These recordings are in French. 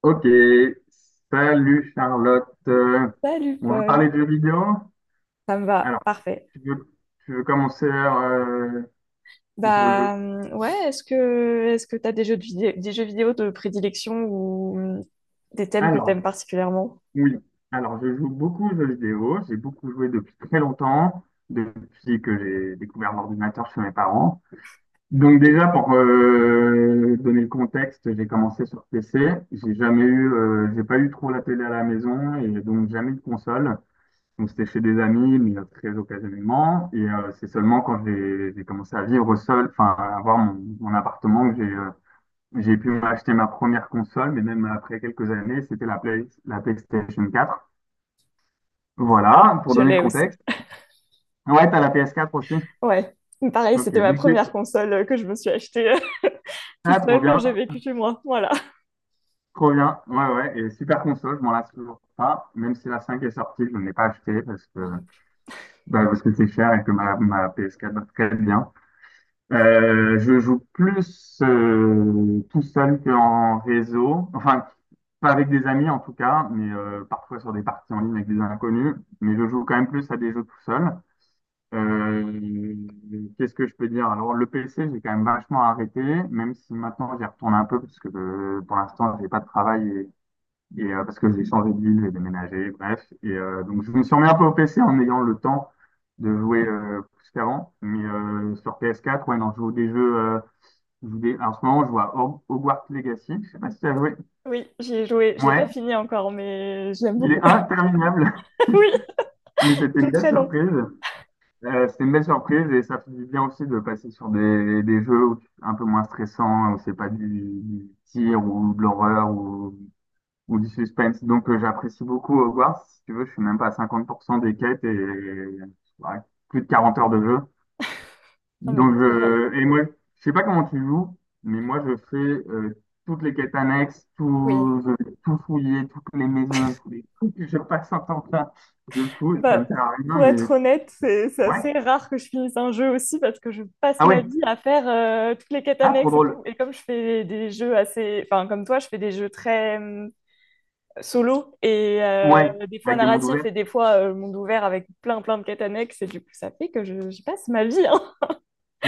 Ok, salut Charlotte. Salut On va parler Paul, de jeux vidéo. ça me va, Alors, parfait. tu veux, tu veux commencer ou tu veux... Ouais, est-ce que t'as des jeux vidéo de prédilection ou des thèmes que Alors, t'aimes particulièrement? oui. Alors, je joue beaucoup aux jeux vidéo. J'ai beaucoup joué depuis très longtemps, depuis que j'ai découvert l'ordinateur chez mes parents. Donc déjà, pour donner le contexte, j'ai commencé sur PC. J'ai jamais eu, j'ai pas eu trop la télé à la maison et donc jamais eu de console. On c'était chez des amis, mais très occasionnellement. Et c'est seulement quand j'ai commencé à vivre seul, enfin, à avoir mon, mon appartement, que j'ai pu m'acheter ma première console, mais même après quelques années, c'était la Play, la PlayStation 4. Voilà, pour Je donner le l'ai aussi. contexte. Ouais, t'as la PS4 aussi. Ouais, pareil, Ok, c'était ma donc c'est- première console que je me suis achetée ah, toute trop seule quand bien, j'ai vécu chez moi. Voilà. trop bien. Ouais, ouais, et super console, je m'en lasse toujours pas. Même si la 5 est sortie, je ne l'ai pas achetée parce que, Moi non plus. bah, parce que c'est cher et que ma PS4 va très bien. Je joue plus tout seul qu'en réseau. Enfin, pas avec des amis en tout cas, mais parfois sur des parties en ligne avec des inconnus. Mais je joue quand même plus à des jeux tout seul. Euh, qu'est-ce que je peux dire? Alors, le PC, j'ai quand même vachement arrêté, même si maintenant j'y retourne un peu, parce que pour l'instant, j'ai pas de travail et, parce que j'ai changé de ville, j'ai déménagé, bref. Et donc, je me suis remis un peu au PC en ayant le temps de jouer plus qu'avant. Mais sur PS4, ouais, non, je joue des jeux. Je vais- en ce moment, je vois Hogwarts Legacy. Je sais pas si tu as joué. Oui, j'y ai joué. Je l'ai pas Ouais, fini encore, mais je l'aime il est beaucoup. interminable, Oui, mais c'était il est une belle très long. surprise. C'était une belle surprise et ça fait du bien aussi de passer sur des jeux où tu- un peu moins stressants, où c'est pas du, du tir ou de l'horreur ou du suspense. Donc j'apprécie beaucoup Hogwarts. Si tu veux, je suis même pas à 50% des quêtes et ouais, plus de 40 heures de jeu. Non mais il Donc, est trop bien. Et moi, je sais pas comment tu joues, mais moi, je fais toutes les quêtes annexes, Oui. tout, je vais tout fouiller, toutes les maisons, tous les trucs. Je passe un temps plein de fou, ça ne Bah, sert à rien, pour mais être c'est- honnête, c'est ouais. assez rare que je finisse un jeu aussi parce que je passe Ah ma ouais, vie à faire toutes les quêtes ah trop annexes et drôle. tout. Et comme je fais des jeux assez... Enfin, comme toi, je fais des jeux très solo et Ouais, des fois avec des mondes narratifs ouverts. et des fois monde ouvert avec plein plein de quêtes annexes. Et du coup, ça fait que je passe ma vie, hein.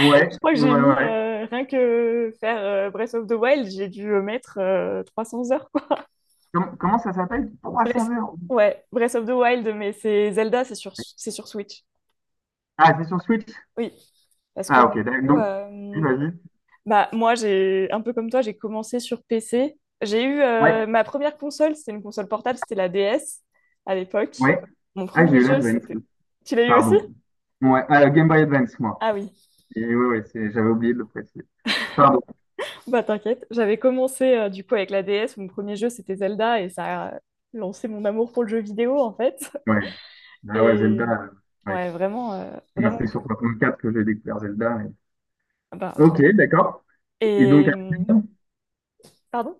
Je crois que j'ai ouais, mis, ouais. Rien que faire Breath of the Wild, j'ai dû mettre 300 heures, quoi. Com- comment ça s'appelle? 300 Breath... heures. Ouais, Breath of the Wild, mais c'est Zelda, c'est sur Switch. Ah, c'est sur Switch? Oui, parce que Ah ok, du d'accord. coup, Donc, oui, vas-y. bah, moi, j'ai un peu comme toi, j'ai commencé sur PC. J'ai eu Ouais, ma première console, c'était une console portable, c'était la DS à l'époque. ouais. Mon Ah, j'ai premier eu jeu, l'Advance, c'était... Tu l'as eu aussi? pardon. Ouais, Game Boy Advance, moi. Ah oui, Et ouais, ouais, c'est- j'avais oublié de le préciser. Pardon. bah t'inquiète. J'avais commencé du coup avec la DS, mon premier jeu, c'était Zelda, et ça a lancé mon amour pour le jeu vidéo, en fait. Ouais. Ah ouais, Zelda. Et Ouais. ouais, vraiment, Moi, vraiment c'était sur cool. 64 que j'ai découvert Zelda. Et- Ah bah, trop Ok, bien. d'accord. Et donc Et... euh, après, Pardon?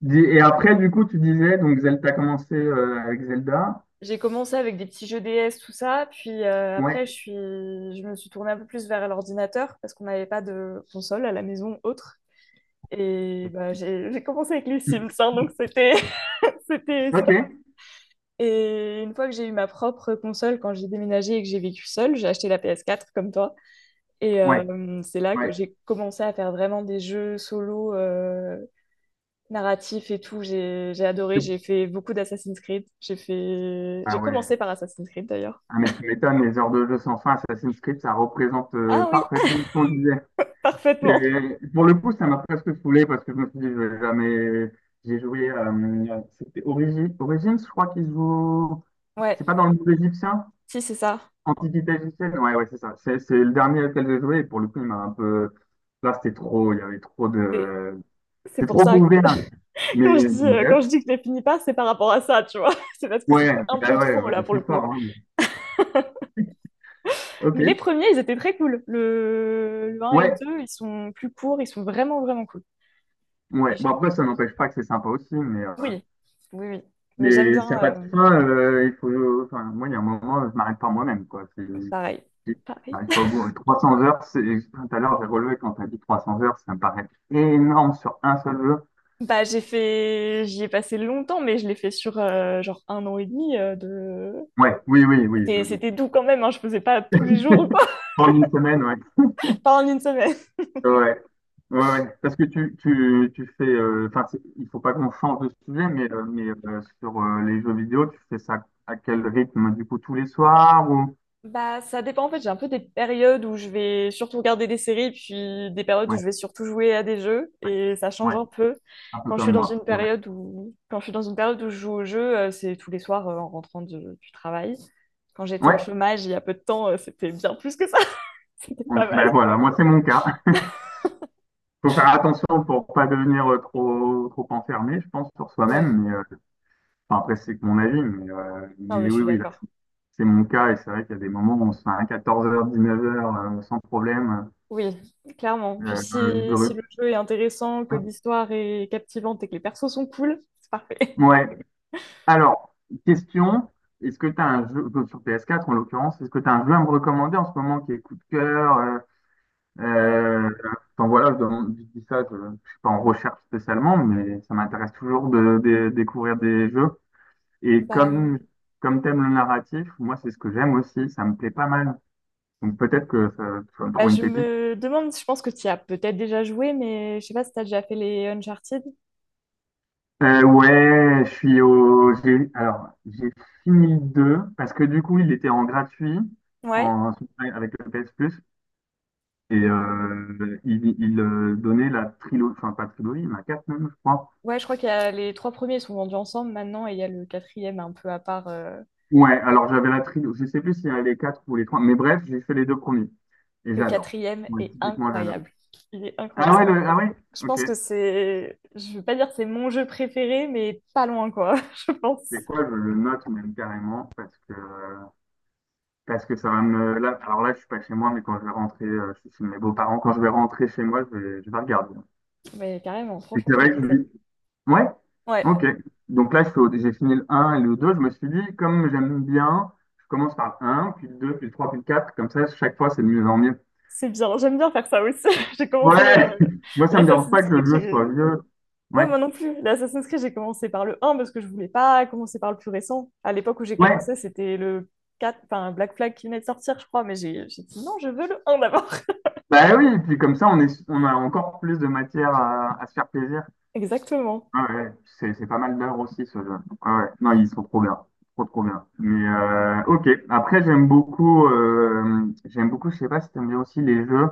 dis- et après, du coup, tu disais, donc Zelda, t'as commencé avec Zelda. J'ai commencé avec des petits jeux DS, tout ça, puis Ouais. après je suis... je me suis tournée un peu plus vers l'ordinateur parce qu'on n'avait pas de console à la maison autre. Et bah, j'ai commencé avec les Sims, hein, donc c'était c'était Ok. ça. Et une fois que j'ai eu ma propre console, quand j'ai déménagé et que j'ai vécu seule, j'ai acheté la PS4 comme toi. Et Ouais. C'est là que Ouais. j'ai commencé à faire vraiment des jeux solo narratifs et tout. J'ai adoré, j'ai fait beaucoup d'Assassin's Creed. J'ai fait... j'ai Ah commencé ouais. par Assassin's Creed d'ailleurs. Ah mais tu m'étonnes, les heures de jeu sans fin, Assassin's Creed, ça représente Ah oui, parfaitement ce qu'on disait. parfaitement. Et pour le coup, ça m'a presque saoulé parce que je me suis dit, je vais jamais. J'ai joué. C'était Origi- Origins, je crois qu'ils jouent. Ouais, C'est pas dans le monde égyptien? si, c'est ça. Antiquité égyptienne? Ouais, ouais, c'est ça. C'est le dernier auquel j'ai joué. Et pour le coup, il m'a un peu. Là, c'était trop. Il y avait trop C'est de. c'est C'était pour trop ça que ouvert. Mais. Quand je dis que je les finis pas, c'est par rapport à ça, tu vois. C'est parce que c'est Ouais, ouais, un peu bah ouais, trop ouais, là ils pour sont le forts. coup. Hein, mais- Ok. Mais les premiers, ils étaient très cool. Le un et le Ouais, deux, ils sont plus courts, ils sont vraiment, vraiment cool. Et ouais. Bon, j'ai- après, ça n'empêche pas que c'est sympa aussi. Oui, oui, oui. Mais j'aime Mais s'il n'y bien. a pas de fin, il faut. Enfin, moi, il y a un moment, je m'arrête par moi-même, quoi. C'est- Pareil. Pareil. J'arrive pas au bout. Et 300 heures, c'est, tout à l'heure, j'ai relevé quand t'as dit 300 heures, ça me paraît énorme sur un seul jeu. Bah, j'ai fait... J'y ai passé longtemps, mais je l'ai fait sur genre un an et demi de... Ouais, oui, oui, oui, je C'était, me doute. c'était doux quand même, hein, je faisais pas tous les jours ou quoi, En une semaine, ouais. pas en une semaine. Ouais, ouais, ouais. Parce que tu fais, enfin, c'est- il faut pas qu'on change de sujet, mais sur les jeux vidéo, tu fais ça à quel rythme, du coup, tous les soirs ou... Bah, ça dépend en fait. J'ai un peu des périodes où je vais surtout regarder des séries, puis des périodes où Ouais, je vais surtout jouer à des jeux, et ça change ouais, un peu. un peu comme moi. C'est vrai. Quand je suis dans une période où je joue au jeu, c'est tous les soirs en rentrant de- du travail. Quand j'étais au Ouais, chômage il y a peu de temps, c'était bien plus que ça. C'était on- pas ben mal. voilà, moi, c'est mon cas. Faut faire attention pour pas devenir trop, trop enfermé, je pense, sur Ouais, soi-même, Enfin, après, c'est que mon avis, non mais mais je oui, suis oui, là, d'accord. c'est mon cas. Et c'est vrai qu'il y a des moments où on se fait un 14h, 19 heures sans problème. Oui, clairement. Puis Juste si, si le heureux. jeu est intéressant, que l'histoire est captivante et que les persos sont cool, c'est parfait. Ouais. Alors, question, est-ce que tu as un jeu, sur PS4 en l'occurrence, est-ce que tu as un jeu à me recommander en ce moment qui est coup de cœur Euh, euh, enfin voilà, je, demande- je dis ça, je ne suis pas en recherche spécialement, mais ça m'intéresse toujours de découvrir des jeux. Et bah, comme, comme t'aimes le narratif, moi c'est ce que j'aime aussi, ça me plaît pas mal Donc peut-être que ça, tu vas me Bah, trouver une je pépite. me demande, je pense que tu y as peut-être déjà joué, mais je sais pas si tu as déjà fait les Uncharted. Ouais, je suis au. J'ai, alors, j'ai fini le 2 parce que du coup, il était en gratuit Ouais, en, avec le PS Plus et il donnait la trilogie, enfin pas trilogie, mais quatre même, je crois. ouais, je crois qu'il y a les trois premiers sont vendus ensemble maintenant et il y a le quatrième un peu à part. Ouais, alors j'avais la trilogie, je sais plus s'il y a les quatre ou les trois, mais bref, j'ai fait les deux premiers et Le j'adore. quatrième Ouais, est typiquement, j'adore. incroyable. Il est incroyable. Ah ouais, C'est- le- ah ouais, Je ok. pense que c'est, je veux pas dire que c'est mon jeu préféré, mais pas loin quoi, je pense. C'est quoi, je le note même carrément parce que Parce que ça va me. Là, alors là, je suis pas chez moi, mais quand je vais rentrer, je suis chez mes beaux-parents. Quand je vais rentrer chez moi, je vais regarder. Mais carrément, Et franchement, c'est je te vrai que je conseille. lui. Ouais? Ouais, Ok. Donc là, je fais au- j'ai fini le un et le 2 Je me suis dit, comme j'aime bien, je commence par le 1, puis le 2, puis le 3, puis le 4. Comme ça, chaque fois, c'est de mieux en mieux. c'est bien. J'aime bien faire ça aussi. J'ai commencé Ouais! Moi, ça me dérange pas l'Assassin's que le Creed, jeu j'ai soit vieux. Ouais, Ouais. moi non plus. L'Assassin's Creed, j'ai commencé par le un parce que je voulais pas commencer par le plus récent. À l'époque où j'ai Ouais. commencé, c'était le 4 enfin Black Flag qui venait de sortir, je crois, mais j'ai dit non, je veux le un d'abord. Bah oui, et puis comme ça, on est, on a encore plus de matière à se faire plaisir. Exactement. Ouais, ouais, c'est pas mal d'heures aussi ce jeu. Ouais, ouais. Non, ils sont trop bien. Trop, trop bien. Mais ok. Après, j'aime beaucoup, je sais pas si t'aimes bien aussi les jeux,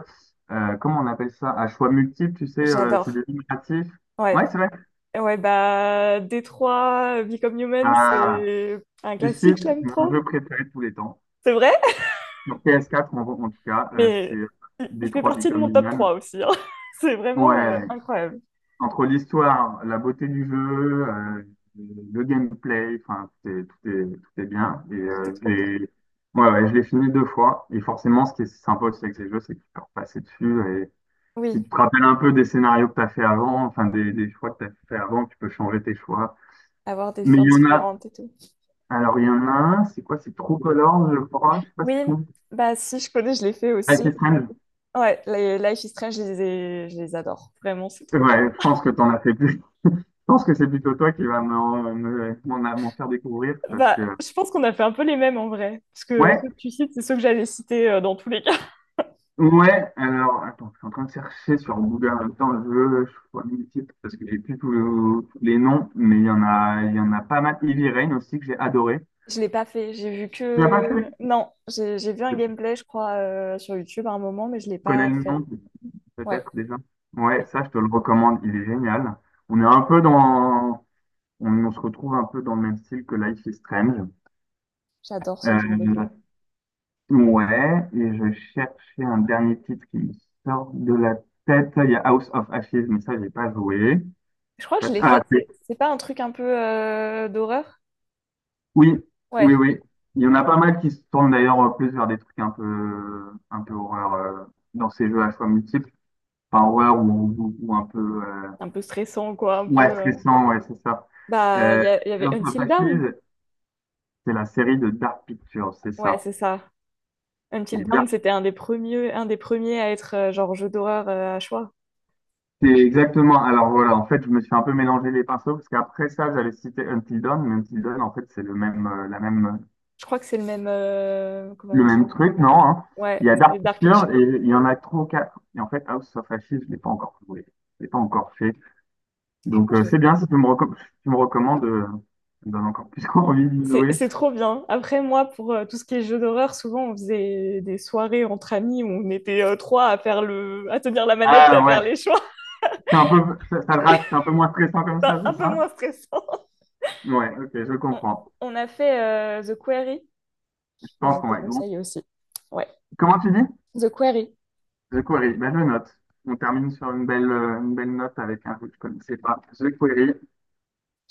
comment on appelle ça? À choix multiples, tu sais, c'est des J'adore. jeux narratifs. Ouais, Ouais. c'est vrai. Ouais, bah, Détroit, Become Human, Ah, c'est un tu classique, je cites l'aime mon jeu trop. préféré de tous les temps. C'est vrai, Sur PS4, en, en tout cas, mais c'est il fait Detroit partie de Become mon top Human. 3 aussi, hein. C'est vraiment Ouais, incroyable. entre l'histoire, la beauté du jeu, le gameplay, enfin, tout est bien. Et Tout est je trop bien. l'ai ouais, ouais, je l'ai fini deux fois. Et forcément, ce qui est sympa aussi avec ces jeux, c'est que tu peux repasser dessus. Et Oui, si tu te rappelles un peu des scénarios que tu as fait avant, enfin, des choix que tu as fait avant, tu peux changer tes choix. avoir des Mais il fins y en a, différentes et tout. alors il y en a un, c'est quoi? C'est True Colors, je crois. Je sais pas Oui, si tu comptes. bah si, je connais, je l'ai fait aussi. Avec les Strange. Ouais, les Life is Strange, je les adore. Vraiment, c'est trop bien. Ouais, je pense que t'en as fait plus. Je pense que c'est plutôt toi qui va m'en me- m'en faire découvrir parce Bah, que, je pense qu'on a fait un peu les mêmes en vrai. Parce que ceux ouais, que tu cites, c'est ceux que j'allais citer dans tous les cas. Ouais, alors, attends, je suis en train de chercher sur Google en même temps, je veux, je vois mille titres parce que j'ai plus tous tous les noms, mais il y en a, il y en a pas mal. Heavy Rain aussi que j'ai adoré. Je l'ai pas fait. J'ai vu Tu l'as pas fait? que. Non, j'ai vu un Je gameplay, je crois, sur YouTube à un moment, mais je l'ai connais pas le fait. nom, Ouais, peut-être déjà. Ouais, oui, ça, je te le recommande, il est génial. On est un peu dans, on se retrouve un peu dans le même style que Life is Strange. j'adore ce genre de jeu. Euh, ouais, et je cherchais un dernier titre qui me sort de la tête. Il y a House of Ashes, mais ça, j'ai pas joué. Je crois que je l'ai Ah, fait. C'est pas un truc un peu d'horreur? Oui, oui, Ouais, oui. Il y en a pas mal qui se tournent d'ailleurs plus vers des trucs un peu horreur dans ces jeux à choix multiples. Enfin, horreur ou un peu euh, un peu stressant, quoi. Un peu. ouais, stressant, ouais, c'est ça. Bah, Euh, il y avait House of Until Dawn. Ashes, c'est la série de Dark Pictures, c'est Ouais, ça. c'est ça. Until Et Dawn, Dark- c'était un des premiers à être genre jeu d'horreur à choix. c'est exactement. Alors voilà, en fait, je me suis un peu mélangé les pinceaux parce qu'après ça, j'allais citer Until Dawn, mais Until Dawn, en fait, c'est le même, la même Je crois que c'est le même. Comment on Le dit? même truc, non, hein. Il Ouais, y a c'est Dark Dark Pictures Picture. et il y en a trois ou quatre. Et en fait, House of Ashes, je ne l'ai pas encore joué. Je l'ai pas encore fait. Je Donc, crois que je c'est l'ai. bien si tu me, reco- tu me recommandes. Ça me donne encore plus envie de jouer. C'est trop bien. Après, moi, pour tout ce qui est jeu d'horreur, souvent on faisait des soirées entre amis où on était trois à faire le... à tenir la manette, et à Ah faire ouais. les choix. C'est un peu, ça le rate, C'est c'est un peu moins stressant comme ça, c'est un peu ça? moins stressant. Ouais, ok, je On, comprends. on a fait The Quarry, Je que pense je qu'on te va être bon. conseille aussi. Ouais, Comment tu dis? The Quarry, The Quarry. Ben, je note. On termine sur une belle note avec un jeu que je connaissais pas. The Quarry.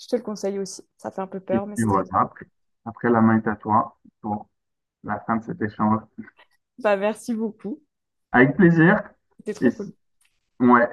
je te le conseille aussi. Ça fait un peu Et peur, mais puis c'est très voilà, bien. après, après la main est à toi pour la fin de cet échange. Bah, merci beaucoup. Avec plaisir. C'était trop Et, cool. si- ouais.